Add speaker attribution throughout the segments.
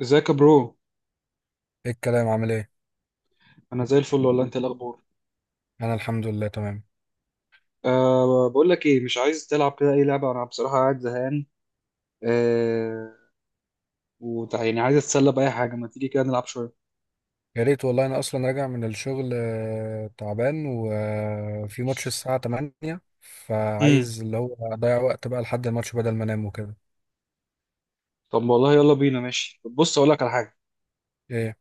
Speaker 1: ازيك يا برو؟
Speaker 2: ايه الكلام؟ عامل ايه؟
Speaker 1: انا زي الفل والله، انت إيه الاخبار؟
Speaker 2: انا الحمد لله تمام.
Speaker 1: بقول لك ايه، مش عايز تلعب كده اي لعبه؟ انا بصراحه قاعد زهقان. أه يعني عايز اتسلى باي حاجه، ما تيجي كده نلعب شويه.
Speaker 2: يا ريت والله، انا اصلا راجع من الشغل، تعبان وفي ماتش الساعة 8،
Speaker 1: امم.
Speaker 2: فعايز اللي هو اضيع وقت بقى لحد الماتش بدل ما انام وكده.
Speaker 1: طب والله يلا بينا، ماشي. طب بص، اقول لك على حاجه.
Speaker 2: ايه؟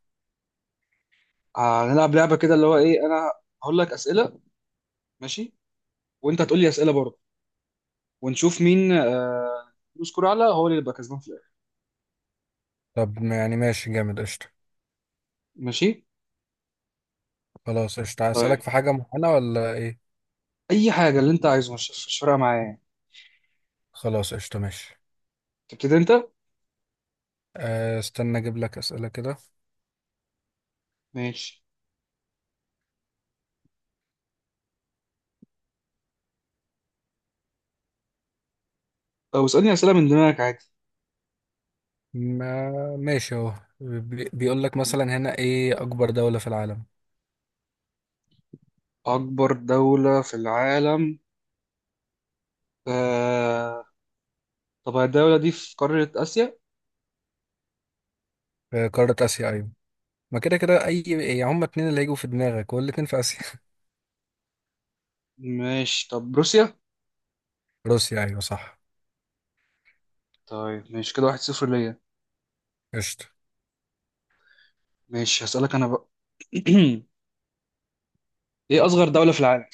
Speaker 1: هنلعب لعبه كده، اللي هو ايه انا هقول لك اسئله، ماشي، وانت هتقول لي اسئله برضه، ونشوف مين يسكر اعلى، هو اللي يبقى كسبان في الاخر.
Speaker 2: طب ما- يعني ماشي جامد، قشطة.
Speaker 1: ماشي.
Speaker 2: خلاص قشطة، اسالك
Speaker 1: طيب
Speaker 2: في حاجة معينة ولا ايه؟
Speaker 1: اي حاجه اللي انت عايزه، مش فارقه معايا يعني.
Speaker 2: خلاص قشطة ماشي.
Speaker 1: تبتدي انت.
Speaker 2: استنى اجيب لك اسئلة كده.
Speaker 1: ماشي. طب اسالني اسئله من دماغك عادي.
Speaker 2: ما ماشي اهو. بيقول لك مثلا هنا ايه اكبر دولة في العالم؟
Speaker 1: أكبر دولة في العالم؟ آه... طب الدولة دي في قارة آسيا؟
Speaker 2: في قارة اسيا، ايوه. ما كده كده اي، يعني هما اتنين اللي هيجوا في دماغك والاتنين في اسيا.
Speaker 1: ماشي، طب روسيا؟
Speaker 2: روسيا، ايوه صح.
Speaker 1: طيب ماشي، كده 1-0 ليا.
Speaker 2: قشطة.
Speaker 1: ماشي، هسألك أنا بقى. إيه أصغر دولة في العالم؟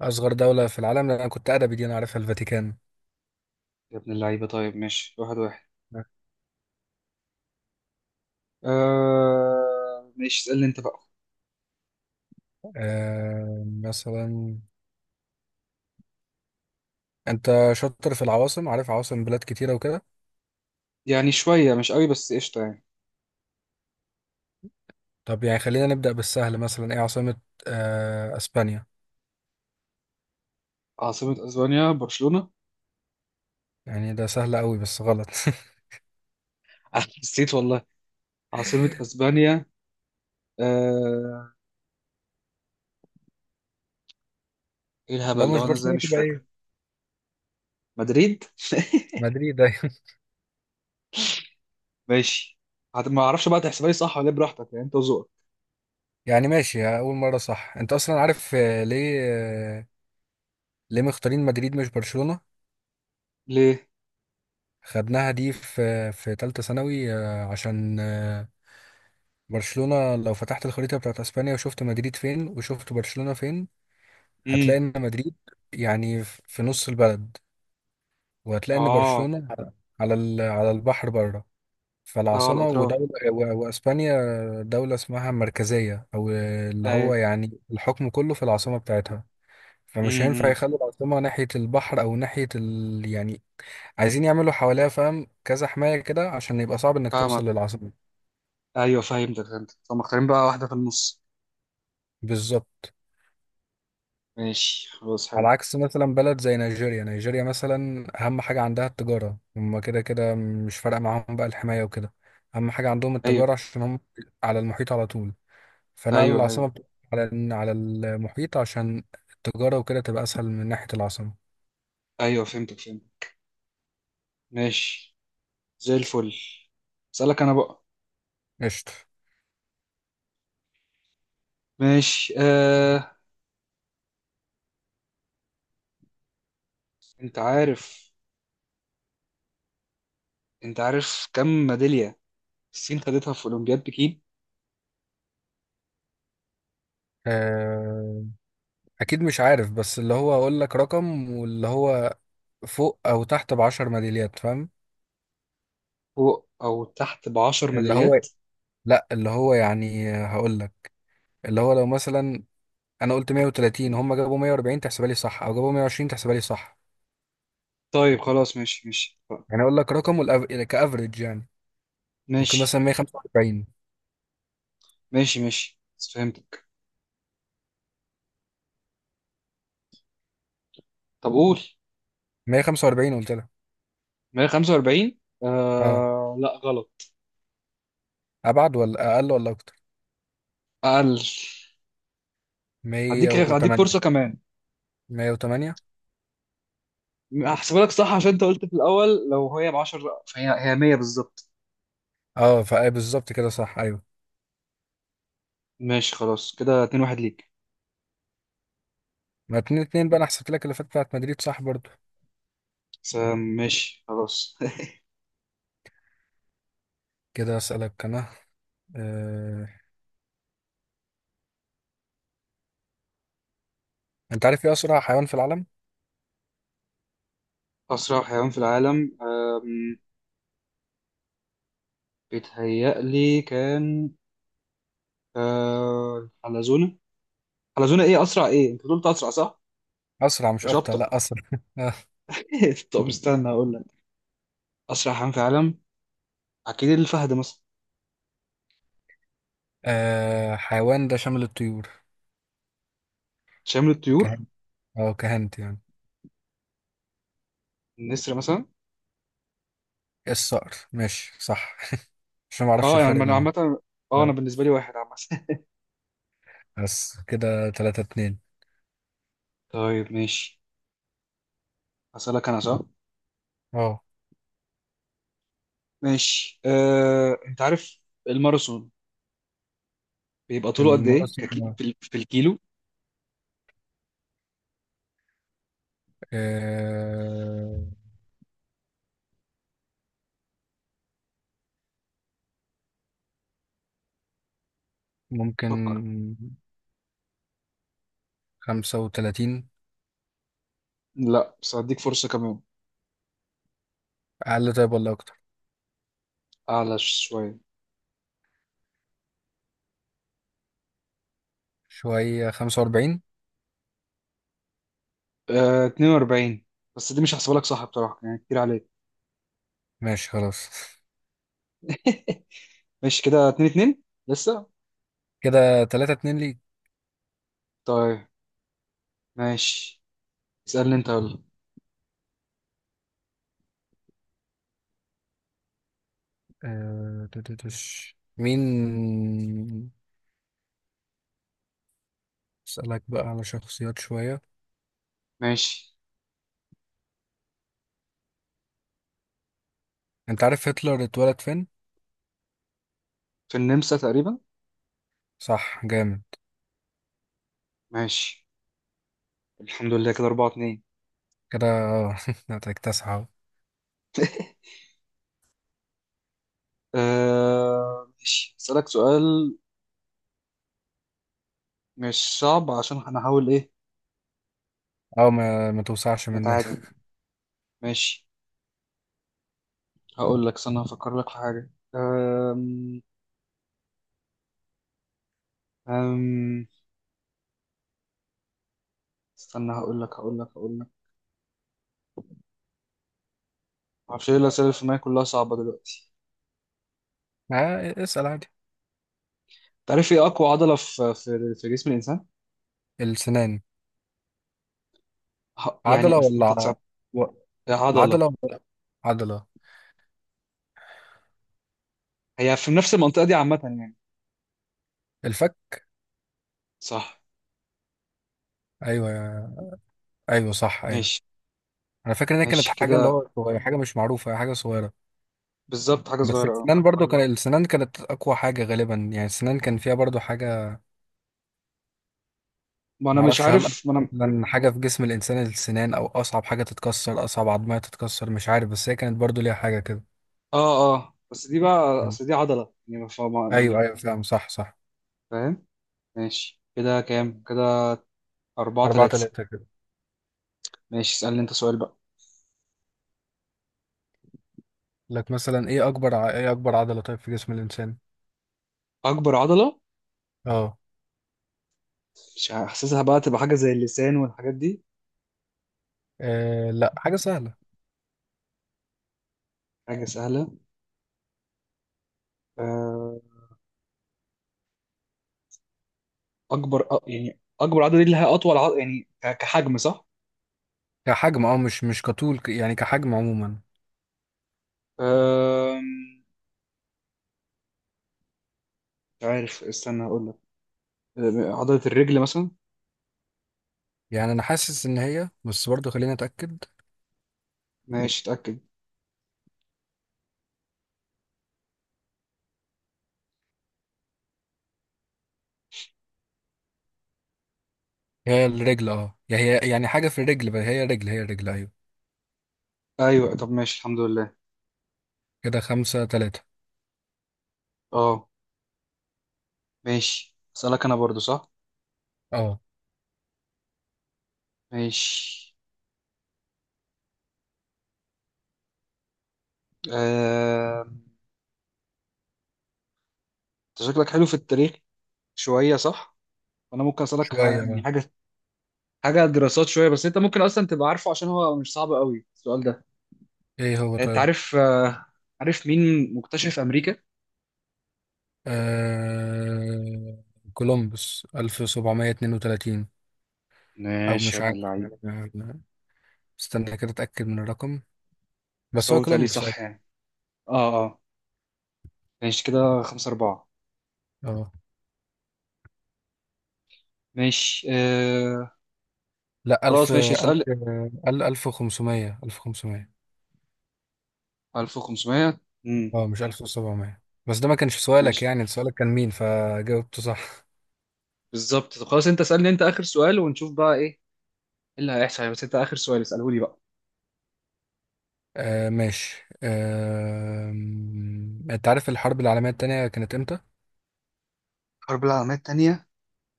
Speaker 2: اصغر دولة في العالم، لأن انا كنت ادبي دي انا عارفها، الفاتيكان.
Speaker 1: يا ابن اللعيبة، طيب ماشي 1-1. ماشي، اسألني أنت بقى.
Speaker 2: مثلا انت شاطر في العواصم، عارف عواصم بلاد كتيرة وكده.
Speaker 1: يعني شوية مش قوي بس قشطة يعني.
Speaker 2: طب يعني خلينا نبدأ بالسهل، مثلا ايه عاصمة اسبانيا؟
Speaker 1: عاصمة أسبانيا برشلونة؟
Speaker 2: يعني ده سهل قوي، بس غلط.
Speaker 1: أنا نسيت والله. عاصمة أسبانيا آه... إيه
Speaker 2: لو
Speaker 1: الهبل ده،
Speaker 2: مش
Speaker 1: وأنا إزاي
Speaker 2: برشلونة
Speaker 1: مش
Speaker 2: تبقى
Speaker 1: فاكر؟
Speaker 2: ايه؟
Speaker 1: مدريد؟
Speaker 2: مدريد أيوة.
Speaker 1: ماشي. ما اعرفش بقى، تحسبها لي صح ولا إيه، براحتك يعني انت وذوقك.
Speaker 2: يعني ماشي، اول مرة صح، انت اصلا عارف ليه ليه مختارين مدريد مش برشلونة.
Speaker 1: ليه؟
Speaker 2: خدناها دي في تالتة ثانوي، عشان برشلونة، لو فتحت الخريطة بتاعت اسبانيا وشفت مدريد فين وشفت برشلونة فين،
Speaker 1: امم.
Speaker 2: هتلاقي ان مدريد يعني في نص البلد، وهتلاقي ان
Speaker 1: اه،
Speaker 2: برشلونة على على البحر بره.
Speaker 1: اه،
Speaker 2: فالعاصمة
Speaker 1: الاطراف.
Speaker 2: ودولة واسبانيا دولة اسمها مركزية، او اللي
Speaker 1: ايوه.
Speaker 2: هو يعني الحكم كله في العاصمة بتاعتها. فمش هينفع
Speaker 1: امم.
Speaker 2: يخلوا العاصمة ناحية البحر او ناحية يعني عايزين يعملوا حواليها، فاهم، كذا حماية كده عشان يبقى صعب انك
Speaker 1: فاهمك.
Speaker 2: توصل للعاصمة.
Speaker 1: ايوه فهمتك، فهمتك، طب مختارين بقى واحده في النص.
Speaker 2: بالظبط.
Speaker 1: ماشي خلاص
Speaker 2: على
Speaker 1: حلو.
Speaker 2: عكس مثلا بلد زي نيجيريا مثلا، اهم حاجة عندها التجارة، هم كده كده مش فارقة معاهم بقى الحماية وكده. اهم حاجة عندهم
Speaker 1: ايوه،
Speaker 2: التجارة عشان هم على المحيط على طول. فنقلوا
Speaker 1: ايوه، ايوه،
Speaker 2: العاصمة على المحيط عشان التجارة وكده تبقى اسهل من ناحية العاصمة.
Speaker 1: ايوه، فهمتك، فهمتك. ماشي زي الفل. اسالك انا بقى.
Speaker 2: قشطة.
Speaker 1: ماشي. انت عارف انت عارف كم ميداليه الصين خدتها في اولمبياد بكين؟
Speaker 2: آه، اكيد مش عارف، بس اللي هو اقول لك رقم، واللي هو فوق او تحت بعشر ميداليات فاهم.
Speaker 1: فوق او تحت ب 10
Speaker 2: اللي هو
Speaker 1: ميداليات؟
Speaker 2: لا، اللي هو يعني هقول لك، اللي هو لو مثلا انا قلت 130، هم جابوا 140 تحسبها لي صح، او جابوا 120 تحسبها لي صح.
Speaker 1: طيب خلاص، ماشي ماشي
Speaker 2: يعني اقول لك رقم كافريج يعني. ممكن
Speaker 1: ماشي
Speaker 2: مثلا 145.
Speaker 1: ماشي ماشي بس فهمتك. طب قول.
Speaker 2: 145 قلت لها،
Speaker 1: 145؟
Speaker 2: اه.
Speaker 1: آه لا، غلط.
Speaker 2: ابعد ولا اقل ولا اكتر؟
Speaker 1: اقل. هديك
Speaker 2: 108.
Speaker 1: فرصه كمان.
Speaker 2: 108.
Speaker 1: هحسبها لك صح عشان انت قلت في الاول لو هي ب 10، فهي 100 بالظبط.
Speaker 2: اه فاي بالظبط كده صح ايوه.
Speaker 1: ماشي خلاص كده 2-1 ليك.
Speaker 2: ما 2-2 بقى، انا حسبت لك اللي فات بتاعت مدريد صح برضو.
Speaker 1: بس ماشي خلاص.
Speaker 2: كده اسالك انا. آه... انت عارف ايه اسرع حيوان في العالم؟
Speaker 1: اسرع حيوان في العالم؟ بيتهيألي كان حلزونه. حلزونه. ايه اسرع، ايه، انت قلت اسرع صح؟
Speaker 2: اسرع مش
Speaker 1: مش
Speaker 2: ابطأ،
Speaker 1: ابطأ.
Speaker 2: لا اسرع. آه...
Speaker 1: طب استنى اقول لك، اسرع حيوان في العالم اكيد الفهد مثلا.
Speaker 2: حيوان ده شامل الطيور؟
Speaker 1: شامل الطيور؟
Speaker 2: كهنت. اه كهنت يعني.
Speaker 1: النسر مثلا.
Speaker 2: الصقر ماشي صح. عشان ما اعرفش
Speaker 1: اه
Speaker 2: الفرق
Speaker 1: يعني انا
Speaker 2: بينهم.
Speaker 1: عامة، اه انا بالنسبة لي واحد عامة.
Speaker 2: بس كده 3-2.
Speaker 1: طيب ماشي، هسألك انا صح؟
Speaker 2: اه
Speaker 1: ماشي انت عارف الماراثون بيبقى طوله قد ايه،
Speaker 2: المواسم.
Speaker 1: في الكيلو؟
Speaker 2: آه
Speaker 1: فكر.
Speaker 2: ممكن 35.
Speaker 1: لا، بس هديك فرصة كمان.
Speaker 2: اقل طيب ولا اكتر؟
Speaker 1: اعلى شوية.
Speaker 2: شوية، 45.
Speaker 1: 42. بس دي مش هحسبها لك صح بصراحة، يعني كتير عليك.
Speaker 2: ماشي خلاص.
Speaker 1: ماشي كده 2-2 لسه.
Speaker 2: كده 3-2 ليك.
Speaker 1: طيب ماشي، اسألني انت يلا.
Speaker 2: آه تتتش. مين اسألك بقى على شخصيات شوية.
Speaker 1: ماشي.
Speaker 2: انت عارف هتلر اتولد فين؟
Speaker 1: في النمسا تقريبا.
Speaker 2: صح جامد.
Speaker 1: ماشي الحمد لله كده 4-2.
Speaker 2: كده اه. هتكتسح اهو.
Speaker 1: ماشي، أسألك سؤال مش صعب عشان هنحاول إيه،
Speaker 2: اه ما توسعش مننا.
Speaker 1: نتعادل. ماشي، هقول لك استنى هفكر لك في حاجة. أم... أم... استنى هقول لك. معرفش إيه الأسئلة اللي في دماغي، كلها صعبة دلوقتي.
Speaker 2: اسأل عادي.
Speaker 1: تعرف إيه أقوى عضلة في جسم الإنسان؟
Speaker 2: السنان. عضلة
Speaker 1: يعني
Speaker 2: ولا
Speaker 1: أنت تصعب.
Speaker 2: و-
Speaker 1: عضلة.
Speaker 2: عضلة ولا عضلة؟
Speaker 1: هي في نفس المنطقة دي عامة يعني.
Speaker 2: الفك.
Speaker 1: صح.
Speaker 2: أيوة. أيوة صح أيوة.
Speaker 1: ماشي.
Speaker 2: أنا فاكر إن هي كانت
Speaker 1: ماشي
Speaker 2: حاجة، اللي
Speaker 1: كده
Speaker 2: هو حاجة مش معروفة، حاجة صغيرة.
Speaker 1: بالظبط، حاجة
Speaker 2: بس
Speaker 1: صغيرة أه.
Speaker 2: السنان برضو، كان السنان كانت أقوى حاجة غالبا، يعني السنان كان فيها برضو حاجة.
Speaker 1: ما أنا مش
Speaker 2: معرفش هل
Speaker 1: عارف ما أنا
Speaker 2: أصلا حاجة في جسم الإنسان السنان أو أصعب حاجة تتكسر، أصعب عظمية تتكسر، مش عارف بس هي كانت برضو ليها حاجة كده.
Speaker 1: آه آه، بس دي بقى
Speaker 2: مم.
Speaker 1: أصل دي عضلة يعني يعني.
Speaker 2: أيوة أيوة فاهم صح صح.
Speaker 1: فاهم. ماشي، كده كام كده؟ أربعة
Speaker 2: أربعة
Speaker 1: تلاتة
Speaker 2: تلاتة كده.
Speaker 1: ماشي، اسألني أنت سؤال بقى.
Speaker 2: لك مثلا إيه أكبر إيه أكبر عضلة طيب في جسم الإنسان؟
Speaker 1: أكبر عضلة؟
Speaker 2: أه.
Speaker 1: مش حاسسها، بقى تبقى حاجة زي اللسان والحاجات دي؟
Speaker 2: لا حاجة سهلة.
Speaker 1: حاجة سهلة. آه، أكبر يعني أكبر عضلة دي اللي هي أطول عضلة يعني كحجم صح؟
Speaker 2: كحجم اه، مش كطول يعني كحجم عموما.
Speaker 1: آم، مش عارف، استنى هقول لك. عضلة الرجل مثلا.
Speaker 2: يعني انا حاسس ان هي، بس برضه خليني اتاكد.
Speaker 1: ماشي اتأكد.
Speaker 2: هي الرجل، اه يعني هي يعني حاجه في الرجل بقى، هي رجل هي رجل ايوه.
Speaker 1: أيوه طب ماشي الحمد لله.
Speaker 2: كده 5-3.
Speaker 1: أه، ماشي أسألك أنا برضو صح؟
Speaker 2: اه.
Speaker 1: ماشي. آم، أنت شكلك حلو في التاريخ شوية صح؟ أنا ممكن أسألك
Speaker 2: شويه
Speaker 1: يعني
Speaker 2: اه.
Speaker 1: حاجة، حاجه دراسات شويه، بس انت ممكن اصلا تبقى عارفه عشان هو مش صعب قوي السؤال ده.
Speaker 2: ايه هو
Speaker 1: يعني انت
Speaker 2: طيب؟
Speaker 1: عارف، عارف مين مكتشف امريكا؟
Speaker 2: آه... كولومبوس 1732. او
Speaker 1: ماشي، يا
Speaker 2: مش
Speaker 1: ابن
Speaker 2: عارف
Speaker 1: اللعيب.
Speaker 2: يعني. أنا- استنى كده اتاكد من الرقم.
Speaker 1: بس
Speaker 2: بس
Speaker 1: هو
Speaker 2: هو
Speaker 1: بيتهيألي
Speaker 2: كولومبوس أيوة.
Speaker 1: صح يعني. اه. اه. ماشي كده 5-4.
Speaker 2: اه
Speaker 1: ماشي
Speaker 2: لا ألف
Speaker 1: خلاص، ماشي
Speaker 2: ألف
Speaker 1: اسأل.
Speaker 2: ألف 1500
Speaker 1: 1500. امم.
Speaker 2: اه مش 1700، بس ده ما كانش سؤالك،
Speaker 1: ماشي
Speaker 2: يعني سؤالك كان مين، فجاوبته صح.
Speaker 1: بالظبط. طب خلاص، انت اسألني انت آخر سؤال ونشوف بقى إيه اللي هيحصل. بس انت آخر سؤال اسأله لي بقى.
Speaker 2: ماشي انت عارف الحرب العالمية التانية كانت امتى؟
Speaker 1: الحرب العالمية التانية.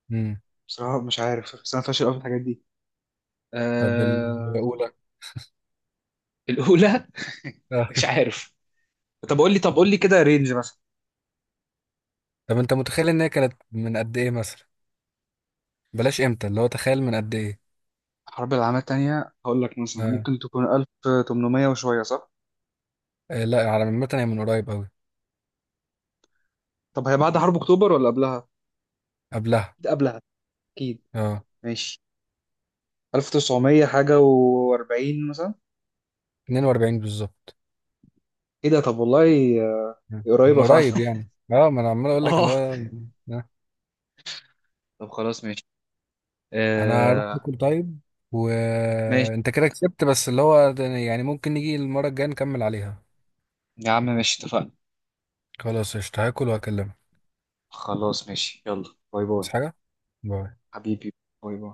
Speaker 2: مم.
Speaker 1: بصراحة مش عارف، بس أنا فاشل أوي في الحاجات دي.
Speaker 2: طب
Speaker 1: آه.
Speaker 2: الأولى.
Speaker 1: الأولى.
Speaker 2: آه.
Speaker 1: مش عارف. طب قول لي كده رينج مثلا.
Speaker 2: طب انت متخيل ان هي كانت من قد ايه مثلا؟ بلاش امتى، اللي هو تخيل من قد ايه؟
Speaker 1: الحرب العالمية التانية هقول لك مثلا
Speaker 2: آه.
Speaker 1: ممكن تكون 1800 وشوية صح؟
Speaker 2: آه لا، على عامة هي من قريب قوي.
Speaker 1: طب هي بعد حرب أكتوبر ولا قبلها؟
Speaker 2: قبلها.
Speaker 1: ده قبلها، أكيد.
Speaker 2: اه.
Speaker 1: ماشي. 1900 حاجة و40 مثلا.
Speaker 2: 42 بالظبط.
Speaker 1: إيه ده، طب والله. آه،
Speaker 2: مم. من
Speaker 1: قريبة فعلا.
Speaker 2: قريب يعني اه، ما انا عمال اقول لك اللي
Speaker 1: آه.
Speaker 2: هو آه.
Speaker 1: طب خلاص ماشي.
Speaker 2: انا هروح
Speaker 1: آه،
Speaker 2: اكل طيب،
Speaker 1: ماشي
Speaker 2: وانت كده كسبت، بس اللي هو يعني ممكن نيجي المرة الجاية نكمل عليها.
Speaker 1: يا عم، ماشي اتفقنا.
Speaker 2: خلاص قشطة، هاكل وهكلمك.
Speaker 1: خلاص ماشي، يلا باي باي.
Speaker 2: بس حاجة. باي.
Speaker 1: حبيبي. باي باي.